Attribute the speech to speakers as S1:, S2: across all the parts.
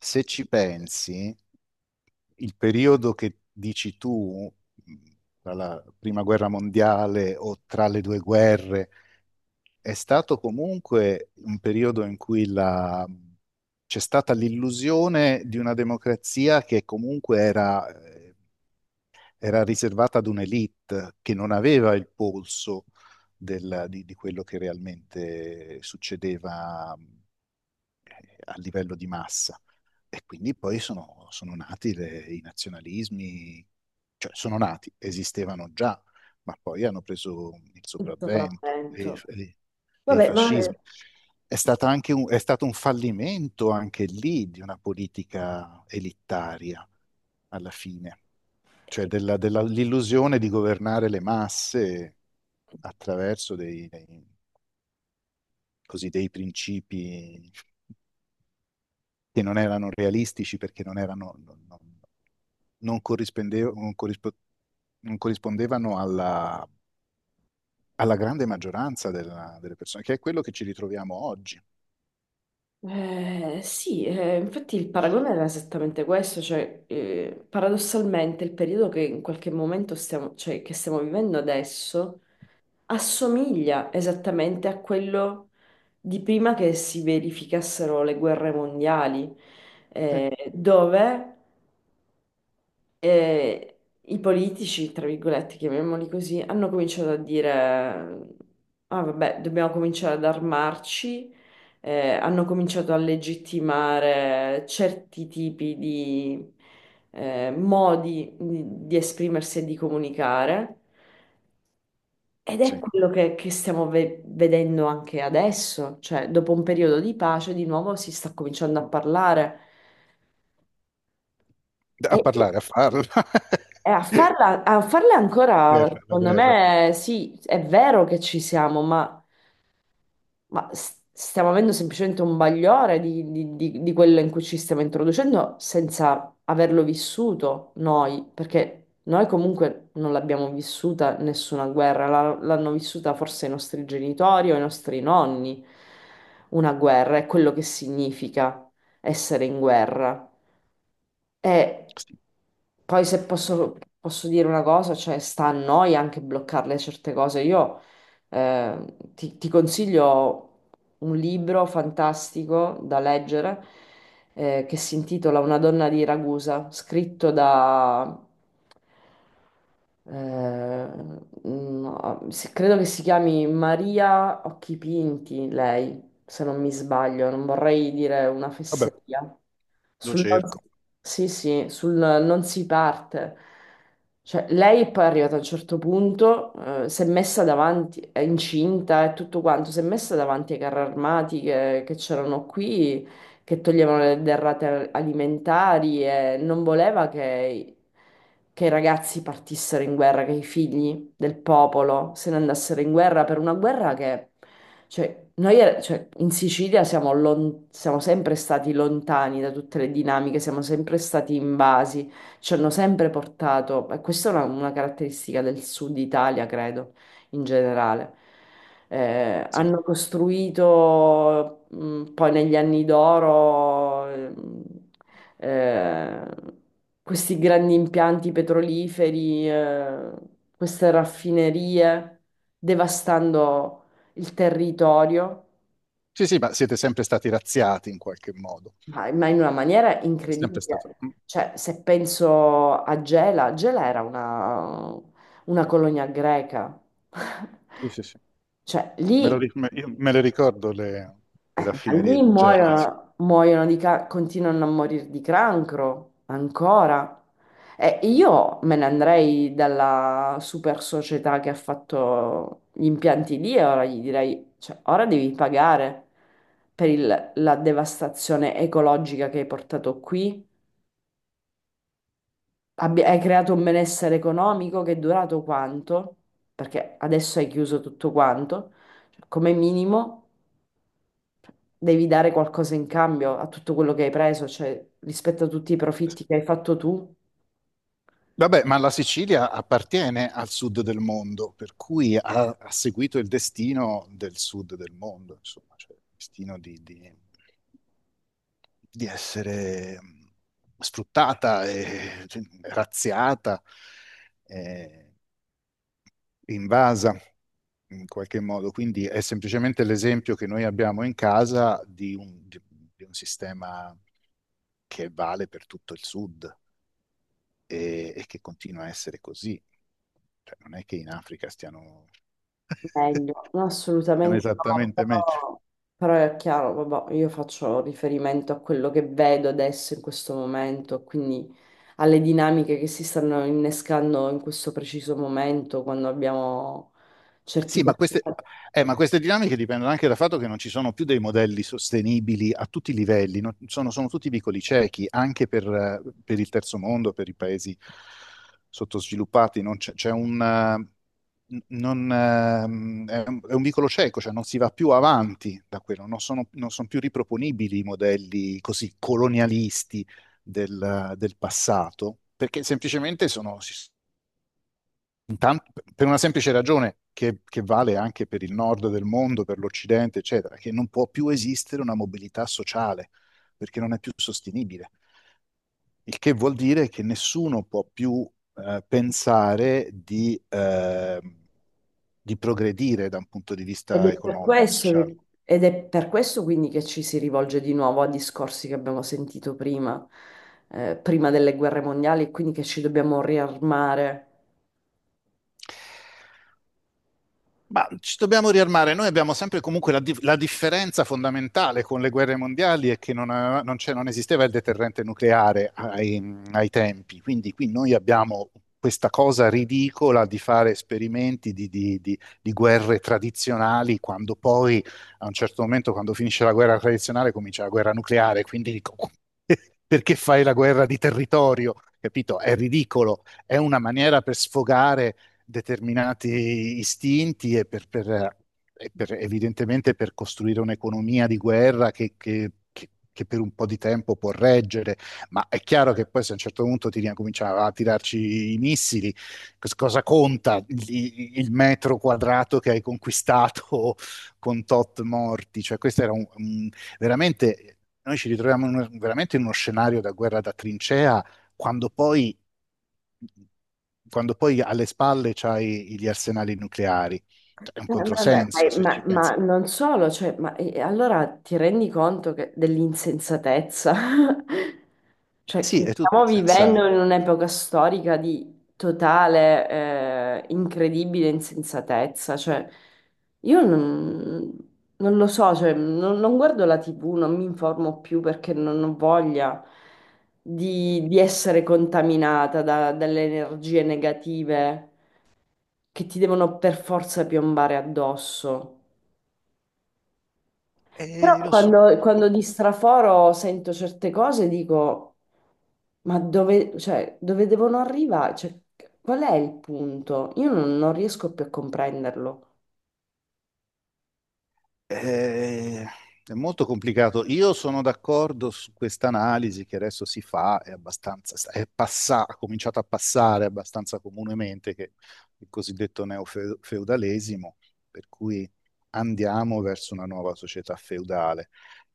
S1: Se ci pensi, il periodo che dici tu, tra la prima guerra mondiale o tra le due guerre, è stato comunque un periodo in cui c'è stata l'illusione di una democrazia che comunque era, era riservata ad un'elite che non aveva il polso di quello che realmente succedeva a livello di massa. E quindi poi sono nati i nazionalismi, cioè sono nati, esistevano già, ma poi hanno preso il
S2: Il
S1: sopravvento
S2: sopravvento.
S1: e i
S2: Vabbè, ma
S1: fascismi. È stata anche è stato un fallimento anche lì di una politica elittaria alla fine, cioè l'illusione di governare le masse attraverso così, dei principi che non erano realistici perché non erano, non non corrispondevano alla, alla grande maggioranza delle persone, che è quello che ci ritroviamo oggi.
S2: sì, infatti il paragone era esattamente questo, cioè paradossalmente il periodo che in qualche momento cioè, che stiamo vivendo adesso assomiglia esattamente a quello di prima che si verificassero le guerre mondiali. Eh, dove E i politici, tra virgolette, chiamiamoli così, hanno cominciato a dire, ah vabbè, dobbiamo cominciare ad armarci, hanno cominciato a legittimare certi tipi di modi di esprimersi e di comunicare. Ed è
S1: Sì.
S2: quello che stiamo vedendo anche adesso, cioè dopo un periodo di pace, di nuovo si sta cominciando a parlare.
S1: A
S2: E
S1: parlare, a farlo.
S2: E a farla, a farle ancora,
S1: Guerra, la
S2: secondo
S1: guerra.
S2: me, sì, è vero che ci siamo, ma stiamo avendo semplicemente un bagliore di quello in cui ci stiamo introducendo senza averlo vissuto noi, perché noi comunque non l'abbiamo vissuta nessuna guerra, l'hanno vissuta forse i nostri genitori o i nostri nonni, una guerra, è quello che significa essere in guerra. E
S1: Sì.
S2: poi se posso dire una cosa, cioè sta a noi anche bloccarle certe cose. Io ti consiglio un libro fantastico da leggere che si intitola Una donna di Ragusa, scritto da, eh, credo che si chiami Maria Occhipinti, lei, se non mi sbaglio, non vorrei dire una
S1: Vabbè,
S2: fesseria.
S1: lo
S2: Sul non,
S1: cerco,
S2: Sì, sì, sul non si parte. Cioè, lei è poi arrivata a un certo punto, si è messa davanti, è incinta e tutto quanto, si è messa davanti ai carri armati che c'erano qui, che toglievano le derrate alimentari e non voleva che i ragazzi partissero in guerra, che i figli del popolo se ne andassero in guerra per una guerra che cioè, noi cioè, in Sicilia siamo sempre stati lontani da tutte le dinamiche, siamo sempre stati invasi, ci hanno sempre portato, e questa è una caratteristica del sud Italia, credo, in generale.
S1: sì.
S2: Hanno costruito poi negli anni d'oro eh, questi grandi impianti petroliferi, queste raffinerie, devastando il territorio,
S1: Sì, sì, ma siete sempre stati razziati in qualche modo.
S2: ma in una maniera
S1: È
S2: incredibile.
S1: sempre stato...
S2: Cioè, se penso a Gela, Gela era una colonia greca.
S1: sì, sì, sì.
S2: Cioè,
S1: Me lo
S2: lì
S1: ri- me- io me le ricordo le
S2: Ma
S1: raffinerie
S2: lì
S1: di Gela. Sì.
S2: muoiono, muoiono continuano a morire di cancro ancora. E io me ne andrei dalla super società che ha fatto gli impianti lì e ora gli direi, cioè, ora devi pagare per la devastazione ecologica che hai portato qui. Hai creato un benessere economico che è durato quanto? Perché adesso hai chiuso tutto quanto. Cioè, come minimo. Devi dare qualcosa in cambio a tutto quello che hai preso, cioè rispetto a tutti i profitti che hai fatto tu.
S1: Vabbè, ma la Sicilia appartiene al sud del mondo, per cui ha, ha seguito il destino del sud del mondo, insomma, cioè il destino di essere sfruttata, e, cioè, razziata, eh, invasa in qualche modo. Quindi è semplicemente l'esempio che noi abbiamo in casa di di un sistema che vale per tutto il sud. E, e che continua a essere così. Cioè, non è che in Africa stiano,
S2: Meglio. No,
S1: stiano
S2: assolutamente no,
S1: esattamente meglio.
S2: però, è chiaro, vabbè, io faccio riferimento a quello che vedo adesso in questo momento, quindi alle dinamiche che si stanno innescando in questo preciso momento quando abbiamo certi...
S1: Sì, ma queste dinamiche dipendono anche dal fatto che non ci sono più dei modelli sostenibili a tutti i livelli, no? Sono, sono tutti vicoli ciechi, anche per il terzo mondo, per i paesi sottosviluppati, non c'è c'è un, non, è un vicolo cieco, cioè non si va più avanti da quello, non sono, non sono più riproponibili i modelli così colonialisti del passato, perché semplicemente sono, si Intan- per una semplice ragione che vale anche per il nord del mondo, per l'Occidente, eccetera, che non può più esistere una mobilità sociale perché non è più sostenibile. Il che vuol dire che nessuno può più pensare di progredire da un punto di
S2: Ed
S1: vista
S2: è per
S1: economico e
S2: questo
S1: sociale.
S2: che- ed è per questo quindi che ci si rivolge di nuovo a discorsi che abbiamo sentito prima, prima delle guerre mondiali, e quindi che ci dobbiamo riarmare.
S1: Ma ci dobbiamo riarmare. Noi abbiamo sempre comunque la differenza fondamentale con le guerre mondiali è che non, non esisteva il deterrente nucleare ai tempi. Quindi qui noi abbiamo questa cosa ridicola di fare esperimenti di guerre tradizionali quando poi a un certo momento, quando finisce la guerra tradizionale, comincia la guerra nucleare. Quindi dico, perché fai la guerra di territorio? Capito? È ridicolo. È una maniera per sfogare determinati istinti e evidentemente per costruire un'economia di guerra che per un po' di tempo può reggere, ma è chiaro che poi se a un certo punto ti cominciava a tirarci i missili, cosa conta il metro quadrato che hai conquistato con tot morti? Cioè questo era veramente... Noi ci ritroviamo in veramente in uno scenario da guerra da trincea quando poi, quando poi alle spalle c'hai gli arsenali nucleari,
S2: Eh,
S1: è un
S2: no, vabbè,
S1: controsenso se
S2: ma,
S1: ci
S2: ma-
S1: pensi.
S2: ma non solo, cioè, ma, allora ti rendi conto dell'insensatezza? Cioè,
S1: Sì,
S2: che
S1: è tutto
S2: stiamo
S1: senza...
S2: vivendo in un'epoca storica di totale, incredibile insensatezza. Cioè, io non, non, lo so, cioè, non guardo la TV, non mi informo più perché non ho voglia di essere contaminata dalle energie negative che ti devono per forza piombare addosso. Però
S1: Lo so,
S2: quando di
S1: purtroppo.
S2: straforo sento certe cose dico, ma dove, cioè, dove devono arrivare? Cioè, qual è il punto? Io non riesco più a comprenderlo.
S1: Eh, è molto complicato. Io sono d'accordo su questa analisi che adesso si fa, è abbastanza, è ha cominciato a passare abbastanza comunemente, che il cosiddetto neofeudalesimo, per cui andiamo verso una nuova società feudale.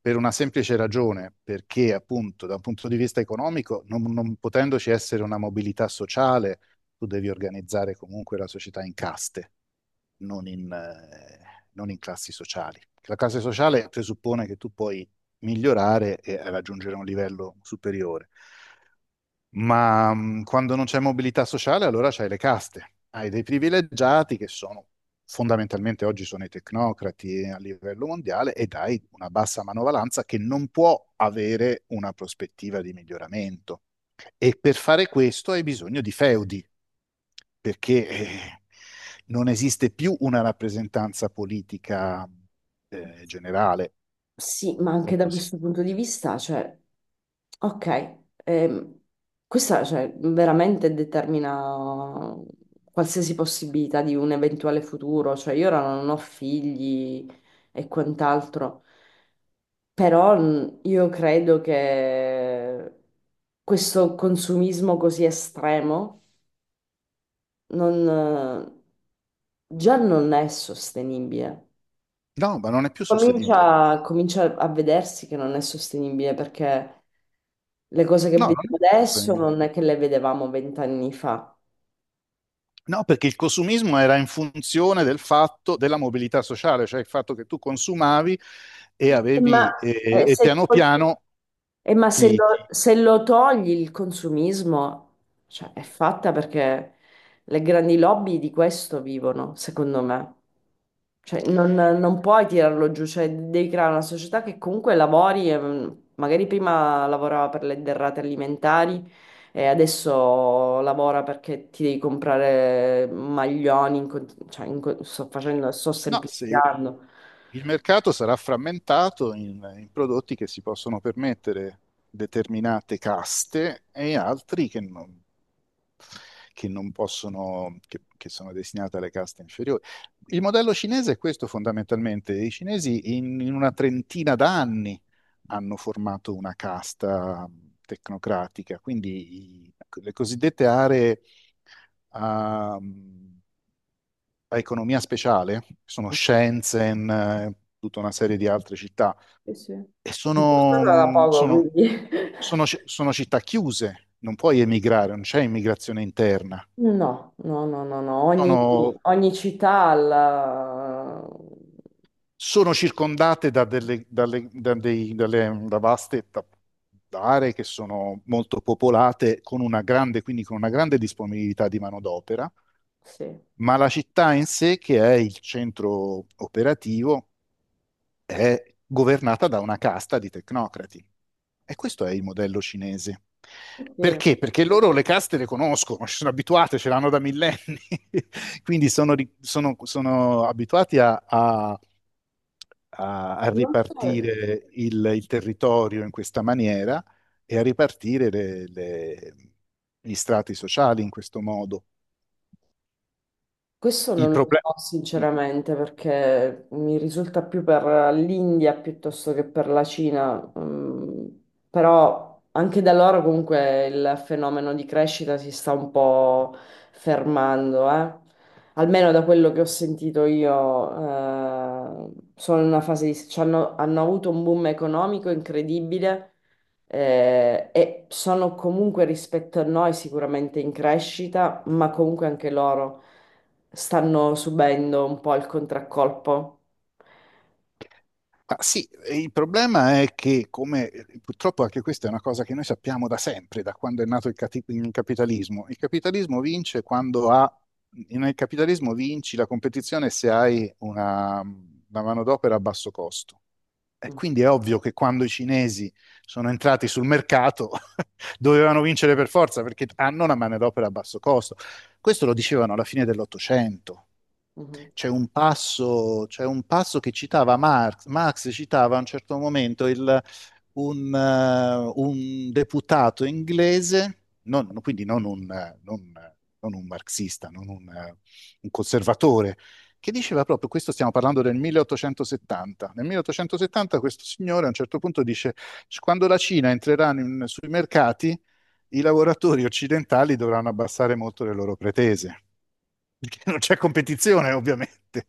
S1: Per una semplice ragione, perché appunto da un punto di vista economico, non potendoci essere una mobilità sociale, tu devi organizzare comunque la società in caste, non non in classi sociali. La classe sociale presuppone che tu puoi migliorare e raggiungere un livello superiore, ma quando non c'è mobilità sociale allora c'hai le caste, hai dei privilegiati che sono fondamentalmente oggi sono i tecnocrati a livello mondiale e dai una bassa manovalanza che non può avere una prospettiva di miglioramento. E per fare questo hai bisogno di feudi, perché non esiste più una rappresentanza politica generale.
S2: Sì, ma
S1: Non
S2: anche
S1: può
S2: da questo
S1: esistere.
S2: punto di vista, cioè, ok, ehm, questa, cioè, veramente determina qualsiasi possibilità di un eventuale futuro, cioè io ora non ho figli e quant'altro, però io credo che questo consumismo così estremo non, già non è sostenibile.
S1: No, ma non è più sostenibile, perché
S2: Comincia, comincia a vedersi che non è sostenibile perché le cose che
S1: no, no, non è
S2: vediamo
S1: più
S2: adesso
S1: sostenibile.
S2: non è che le vedevamo 20 anni fa.
S1: No, perché il consumismo era in funzione del fatto della mobilità sociale, cioè il fatto che tu consumavi e
S2: Eh, Ma,
S1: avevi,
S2: eh,
S1: e
S2: se,
S1: piano piano
S2: ma se
S1: ti...
S2: lo,
S1: ti-
S2: se lo togli il consumismo, cioè, è fatta perché le grandi lobby di questo vivono, secondo me. Cioè, non puoi tirarlo giù, cioè devi creare una società che comunque lavori, magari prima lavorava per le derrate alimentari e adesso lavora perché ti devi comprare maglioni, cioè, sto facendo, sto
S1: no, sì.
S2: semplificando.
S1: Il mercato sarà frammentato in prodotti che si possono permettere determinate caste e altri che non possono, che sono destinati alle caste inferiori. Il modello cinese è questo fondamentalmente. I cinesi in una trentina d'anni hanno formato una casta tecnocratica, quindi le cosiddette aree a economia speciale, che sono Shenzhen, tutta una serie di altre città.
S2: Sì, sì.
S1: E sono,
S2: Sono da poco,
S1: sono,
S2: quindi.
S1: sono sono città chiuse, non puoi emigrare, non c'è immigrazione interna.
S2: No, no, no, no, no. Ogni,
S1: Sono,
S2: ogni città ha la...
S1: sono circondate da, delle, dalle, da dei- dalle- da vaste aree che sono molto popolate, con una grande, quindi con una grande disponibilità di manodopera,
S2: Sì.
S1: ma la città in sé, che è il centro operativo, è governata da una casta di tecnocrati. E questo è il modello cinese.
S2: Sì.
S1: Perché? Perché loro le caste le conoscono, ci sono abituate, ce l'hanno da millenni, quindi sono, sono abituati a
S2: Non so.
S1: ripartire il territorio in questa maniera e a ripartire gli strati sociali in questo modo.
S2: Questo
S1: Il
S2: non lo
S1: problema.
S2: so sinceramente perché mi risulta più per l'India piuttosto che per la Cina, mm, però anche da loro comunque il fenomeno di crescita si sta un po' fermando, eh. Almeno da quello che ho sentito io, sono in una fase di... hanno avuto un boom economico incredibile. E sono comunque rispetto a noi sicuramente in crescita, ma comunque anche loro stanno subendo un po' il contraccolpo.
S1: Ma sì, e il problema è che, come purtroppo anche questa è una cosa che noi sappiamo da sempre, da quando è nato il capitalismo. Il capitalismo vince quando ha, nel capitalismo vinci la competizione se hai una manodopera a basso costo. E
S2: Mm,
S1: quindi è ovvio che quando i cinesi sono entrati sul mercato dovevano vincere per forza perché hanno una manodopera a basso costo. Questo lo dicevano alla fine dell'Ottocento.
S2: mhm.
S1: C'è un passo che citava Marx. Marx citava a un certo momento un deputato inglese, quindi non non un marxista, non un conservatore, che diceva proprio, questo stiamo parlando del 1870. Nel 1870 questo signore a un certo punto dice, quando la Cina sui mercati, i lavoratori occidentali dovranno abbassare molto le loro pretese perché non c'è competizione, ovviamente.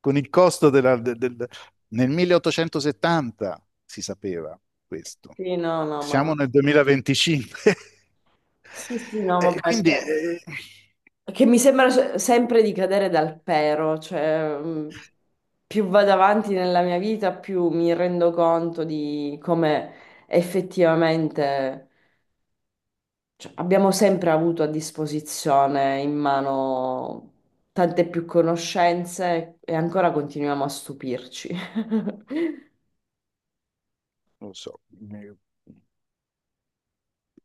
S1: Con il costo del, nel 1870 si sapeva questo.
S2: Sì, no, no, ma...
S1: Siamo nel 2025.
S2: Sì, sì, no, vabbè,
S1: Quindi,
S2: che, che mi sembra sempre di cadere dal pero, cioè più vado avanti nella mia vita, più mi rendo conto di come effettivamente cioè, abbiamo sempre avuto a disposizione in mano tante più conoscenze e ancora continuiamo a stupirci.
S1: non lo so,